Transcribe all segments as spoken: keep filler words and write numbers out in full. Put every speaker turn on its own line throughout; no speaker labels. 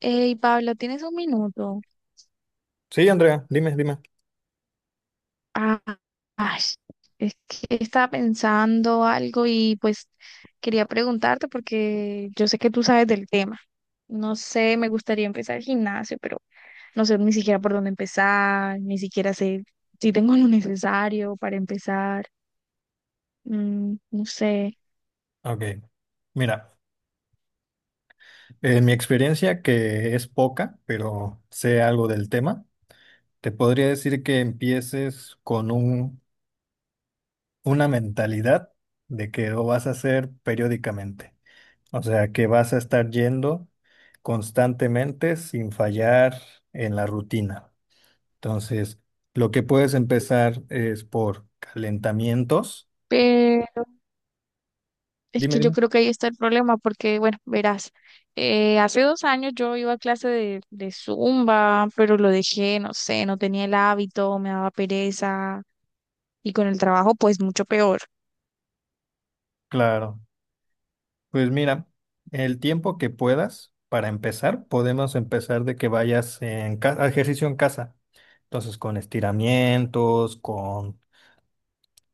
Hey, Pablo, ¿tienes un minuto?
Sí, Andrea, dime, dime.
Ah, ay, es que estaba pensando algo y pues quería preguntarte porque yo sé que tú sabes del tema. No sé, me gustaría empezar el gimnasio, pero no sé ni siquiera por dónde empezar, ni siquiera sé si tengo lo necesario para empezar. Mm, no sé.
Ok. Mira, en mi experiencia, que es poca, pero sé algo del tema, te podría decir que empieces con un, una mentalidad de que lo vas a hacer periódicamente. O sea, que vas a estar yendo constantemente sin fallar en la rutina. Entonces, lo que puedes empezar es por calentamientos.
Es
Dime,
que yo
dime.
creo que ahí está el problema, porque, bueno, verás, eh, hace dos años yo iba a clase de, de Zumba, pero lo dejé, no sé, no tenía el hábito, me daba pereza, y con el trabajo, pues mucho peor.
Claro. Pues mira, el tiempo que puedas para empezar, podemos empezar de que vayas en ca- a ejercicio en casa. Entonces, con estiramientos, con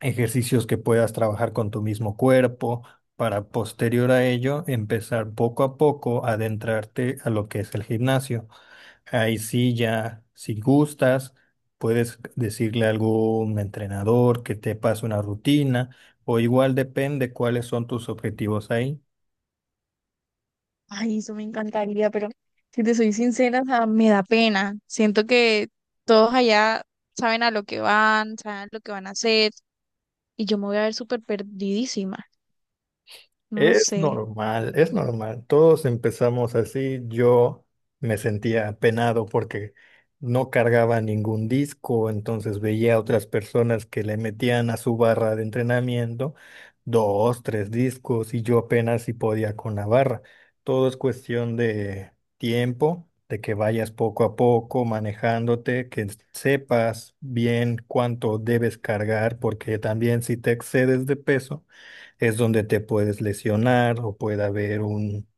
ejercicios que puedas trabajar con tu mismo cuerpo, para posterior a ello empezar poco a poco a adentrarte a lo que es el gimnasio. Ahí sí, ya, si gustas, puedes decirle a algún entrenador que te pase una rutina o igual depende cuáles son tus objetivos ahí.
Ay, eso me encantaría, pero si te soy sincera, o sea, me da pena. Siento que todos allá saben a lo que van, saben lo que van a hacer, y yo me voy a ver súper perdidísima. No lo
Es
sé.
normal, es normal. Todos empezamos así. Yo me sentía apenado porque no cargaba ningún disco, entonces veía a otras personas que le metían a su barra de entrenamiento dos, tres discos y yo apenas si podía con la barra. Todo es cuestión de tiempo, de que vayas poco a poco manejándote, que sepas bien cuánto debes cargar, porque también si te excedes de peso es donde te puedes lesionar o puede haber un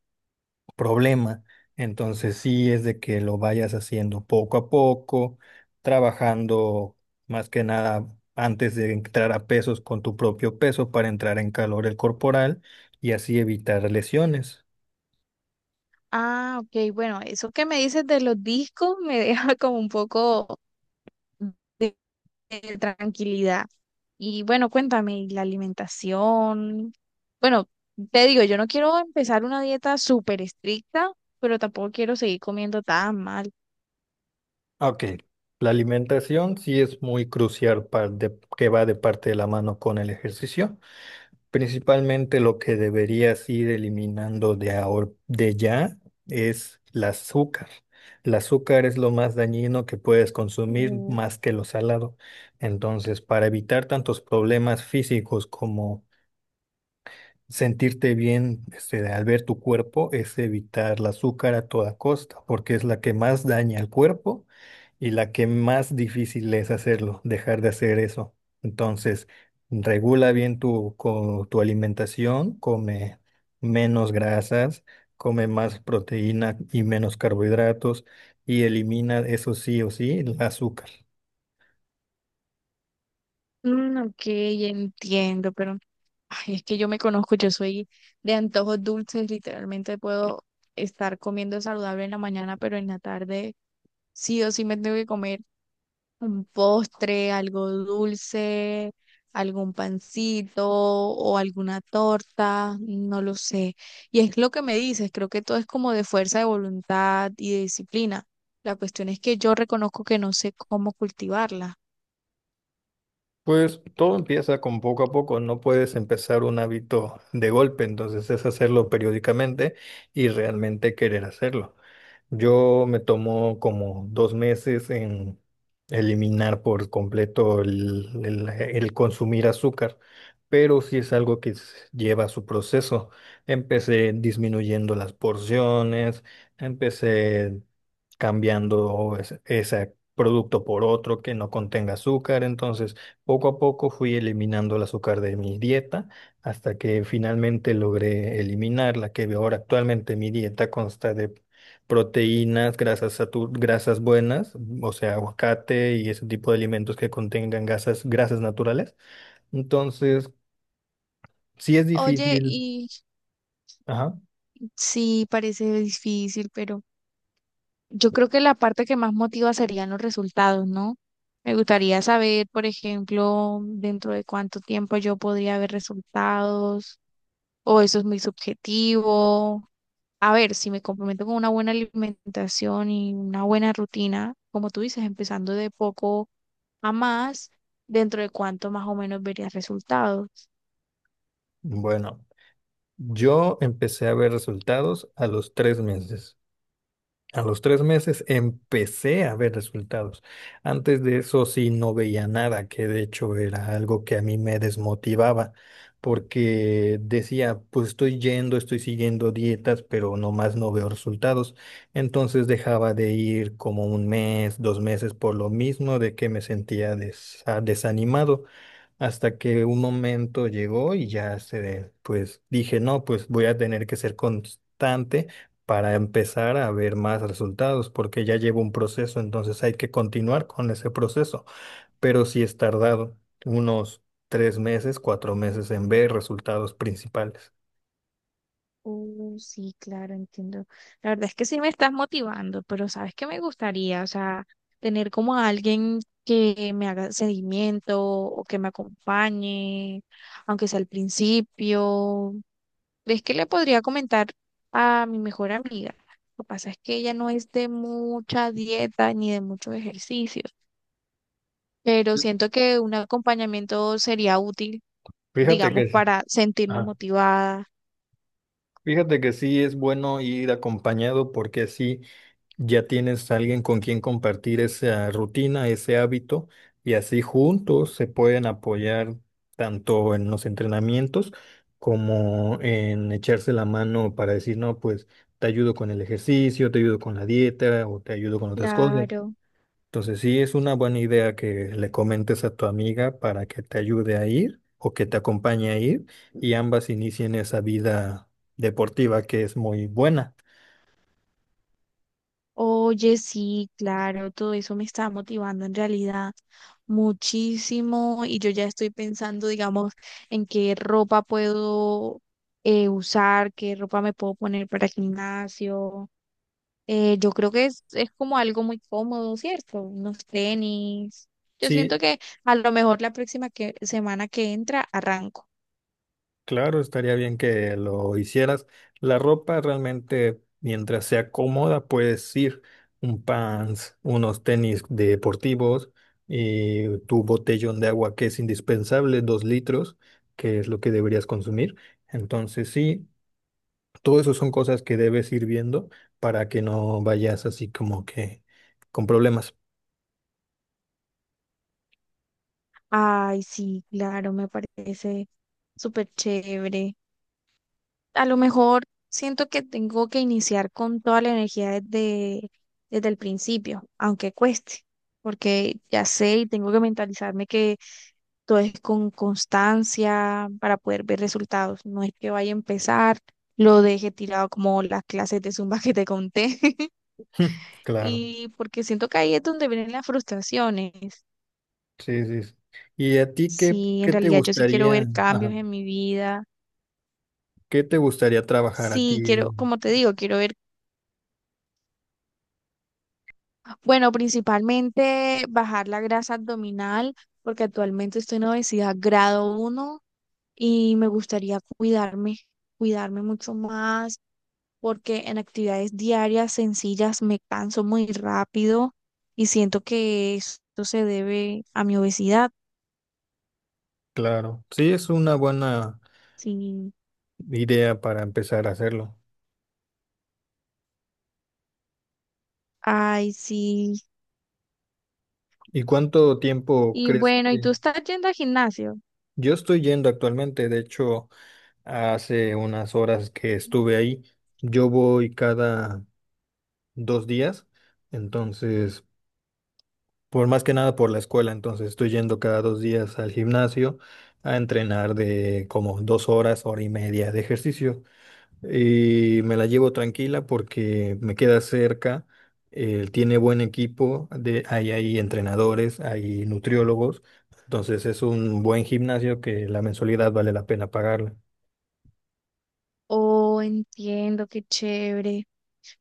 problema. Entonces sí es de que lo vayas haciendo poco a poco, trabajando más que nada antes de entrar a pesos con tu propio peso para entrar en calor el corporal y así evitar lesiones.
Ah, ok, bueno, eso que me dices de los discos me deja como un poco. de, de tranquilidad. Y bueno, cuéntame, ¿y la alimentación? Bueno, te digo, yo no quiero empezar una dieta súper estricta, pero tampoco quiero seguir comiendo tan mal.
Ok, la alimentación sí es muy crucial par- de- que va de parte de la mano con el ejercicio. Principalmente lo que deberías ir eliminando de ahor- de ya es el azúcar. El azúcar es lo más dañino que puedes consumir
Mm,
más que lo salado. Entonces, para evitar tantos problemas físicos como sentirte bien este, al ver tu cuerpo es evitar el azúcar a toda costa, porque es la que más daña al cuerpo y la que más difícil es hacerlo, dejar de hacer eso. Entonces, regula bien tu, co- tu alimentación, come menos grasas, come más proteína y menos carbohidratos y elimina eso sí o sí el azúcar.
mm, ok, entiendo, pero ay, es que yo me conozco, yo soy de antojos dulces, literalmente puedo estar comiendo saludable en la mañana, pero en la tarde sí o sí me tengo que comer un postre, algo dulce, algún pancito o alguna torta, no lo sé. Y es lo que me dices, creo que todo es como de fuerza de voluntad y de disciplina. La cuestión es que yo reconozco que no sé cómo cultivarla.
Pues todo empieza con poco a poco, no puedes empezar un hábito de golpe, entonces es hacerlo periódicamente y realmente querer hacerlo. Yo me tomo como dos meses en eliminar por completo el, el- el consumir azúcar, pero sí es algo que s- lleva su proceso. Empecé disminuyendo las porciones, empecé cambiando es- ese producto por otro que no contenga azúcar, entonces... Poco a poco fui eliminando el azúcar de mi dieta hasta que finalmente logré eliminarla, que ahora actualmente mi dieta consta de proteínas, grasas satu- grasas buenas, o sea, aguacate y ese tipo de alimentos que contengan grasas, grasas naturales. Entonces, sí es
Oye,
difícil.
y
Ajá.
sí, parece difícil, pero yo creo que la parte que más motiva serían los resultados, ¿no? Me gustaría saber, por ejemplo, dentro de cuánto tiempo yo podría ver resultados o eso es muy subjetivo. A ver, si me comprometo con una buena alimentación y una buena rutina, como tú dices, empezando de poco a más, dentro de cuánto más o menos verías resultados.
Bueno, yo empecé a ver resultados a los tres meses. A los tres meses empecé a ver resultados. Antes de eso sí no veía nada, que de hecho era algo que a mí me desmotivaba, porque decía, pues estoy yendo, estoy siguiendo dietas, pero nomás no veo resultados. Entonces dejaba de ir como un mes, dos meses por lo mismo de que me sentía desa- desanimado. Hasta que un momento llegó y ya se, de- pues dije, no, pues voy a tener que ser constante para empezar a ver más resultados, porque ya llevo un proceso, entonces hay que continuar con ese proceso. Pero sí es tardado unos tres meses, cuatro meses en ver resultados principales.
Uh, sí, claro, entiendo. La verdad es que sí me estás motivando, pero sabes que me gustaría, o sea, tener como a alguien que me haga seguimiento o que me acompañe, aunque sea al principio. ¿Crees que le podría comentar a mi mejor amiga? Lo que pasa es que ella no es de mucha dieta ni de muchos ejercicios, pero siento que un acompañamiento sería útil,
Fíjate
digamos,
que, sí.
para sentirme
Ajá.
motivada.
Fíjate que sí es bueno ir acompañado porque sí, ya tienes alguien con quien compartir esa rutina, ese hábito, y así juntos se pueden apoyar tanto en los entrenamientos como en echarse la mano para decir, no, pues te ayudo con el ejercicio, te ayudo con la dieta o te ayudo con otras cosas.
Claro.
Entonces sí es una buena idea que le comentes a tu amiga para que te ayude a ir o que te acompañe a ir y ambas inicien esa vida deportiva que es muy buena.
Oye, sí, claro, todo eso me está motivando en realidad muchísimo y yo ya estoy pensando, digamos, en qué ropa puedo eh, usar, qué ropa me puedo poner para el gimnasio. Eh, yo creo que es, es como algo muy cómodo, ¿cierto? Unos tenis. Yo siento
Sí.
que a lo mejor la próxima que, semana que entra arranco.
Claro, estaría bien que lo hicieras. La ropa realmente, mientras sea cómoda, puedes ir un pants, unos tenis deportivos y tu botellón de agua que es indispensable, dos litros, que es lo que deberías consumir. Entonces, sí, todo eso son cosas que debes ir viendo para que no vayas así como que con problemas.
Ay, sí, claro, me parece súper chévere. A lo mejor siento que tengo que iniciar con toda la energía desde, desde el principio, aunque cueste, porque ya sé y tengo que mentalizarme que todo es con constancia para poder ver resultados. No es que vaya a empezar, lo deje tirado como las clases de Zumba que te conté.
Claro,
Y porque siento que ahí es donde vienen las frustraciones.
sí, sí, sí. ¿Y a ti qué,
Si en
qué te
realidad yo sí quiero
gustaría,
ver cambios
ajá,
en mi vida.
qué te gustaría trabajar a
Sí,
ti?
quiero, como te digo, quiero ver. Bueno, principalmente bajar la grasa abdominal, porque actualmente estoy en obesidad grado uno y me gustaría cuidarme, cuidarme mucho más, porque en actividades diarias sencillas me canso muy rápido y siento que esto se debe a mi obesidad.
Claro, sí, es una buena
Sí,
idea para empezar a hacerlo.
ay, sí.
¿Y cuánto tiempo
Y
crees
bueno, ¿y tú
que
estás yendo al gimnasio?
yo estoy yendo actualmente? De hecho, hace unas horas que estuve ahí, yo voy cada dos días, entonces, por más que nada por la escuela, entonces estoy yendo cada dos días al gimnasio a entrenar de como dos horas, hora y media de ejercicio, y me la llevo tranquila porque me queda cerca, eh, tiene buen equipo, de, hay, hay entrenadores, hay nutriólogos, entonces es un buen gimnasio que la mensualidad vale la pena pagarla.
Oh, entiendo, qué chévere.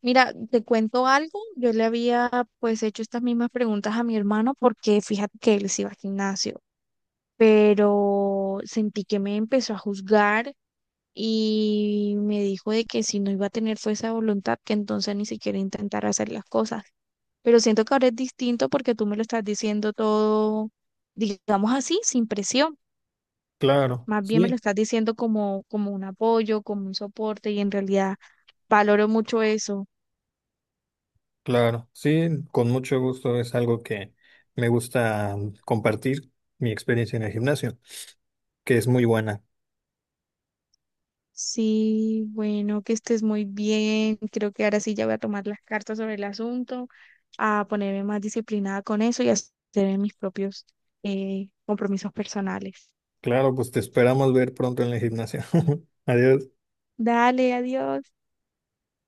Mira, te cuento algo. Yo le había pues hecho estas mismas preguntas a mi hermano porque fíjate que él sí iba al gimnasio, pero sentí que me empezó a juzgar y me dijo de que si no iba a tener fuerza de voluntad, que entonces ni siquiera intentara hacer las cosas. Pero siento que ahora es distinto porque tú me lo estás diciendo todo, digamos así, sin presión.
Claro,
Más bien me lo
sí,
estás diciendo como, como un apoyo, como un soporte y en realidad valoro mucho eso.
claro, sí, con mucho gusto es algo que me gusta compartir mi experiencia en el gimnasio, que es muy buena.
Sí, bueno, que estés muy bien. Creo que ahora sí ya voy a tomar las cartas sobre el asunto, a ponerme más disciplinada con eso y a hacer mis propios eh, compromisos personales.
Claro, pues te esperamos ver pronto en el gimnasio. Adiós.
Dale, adiós.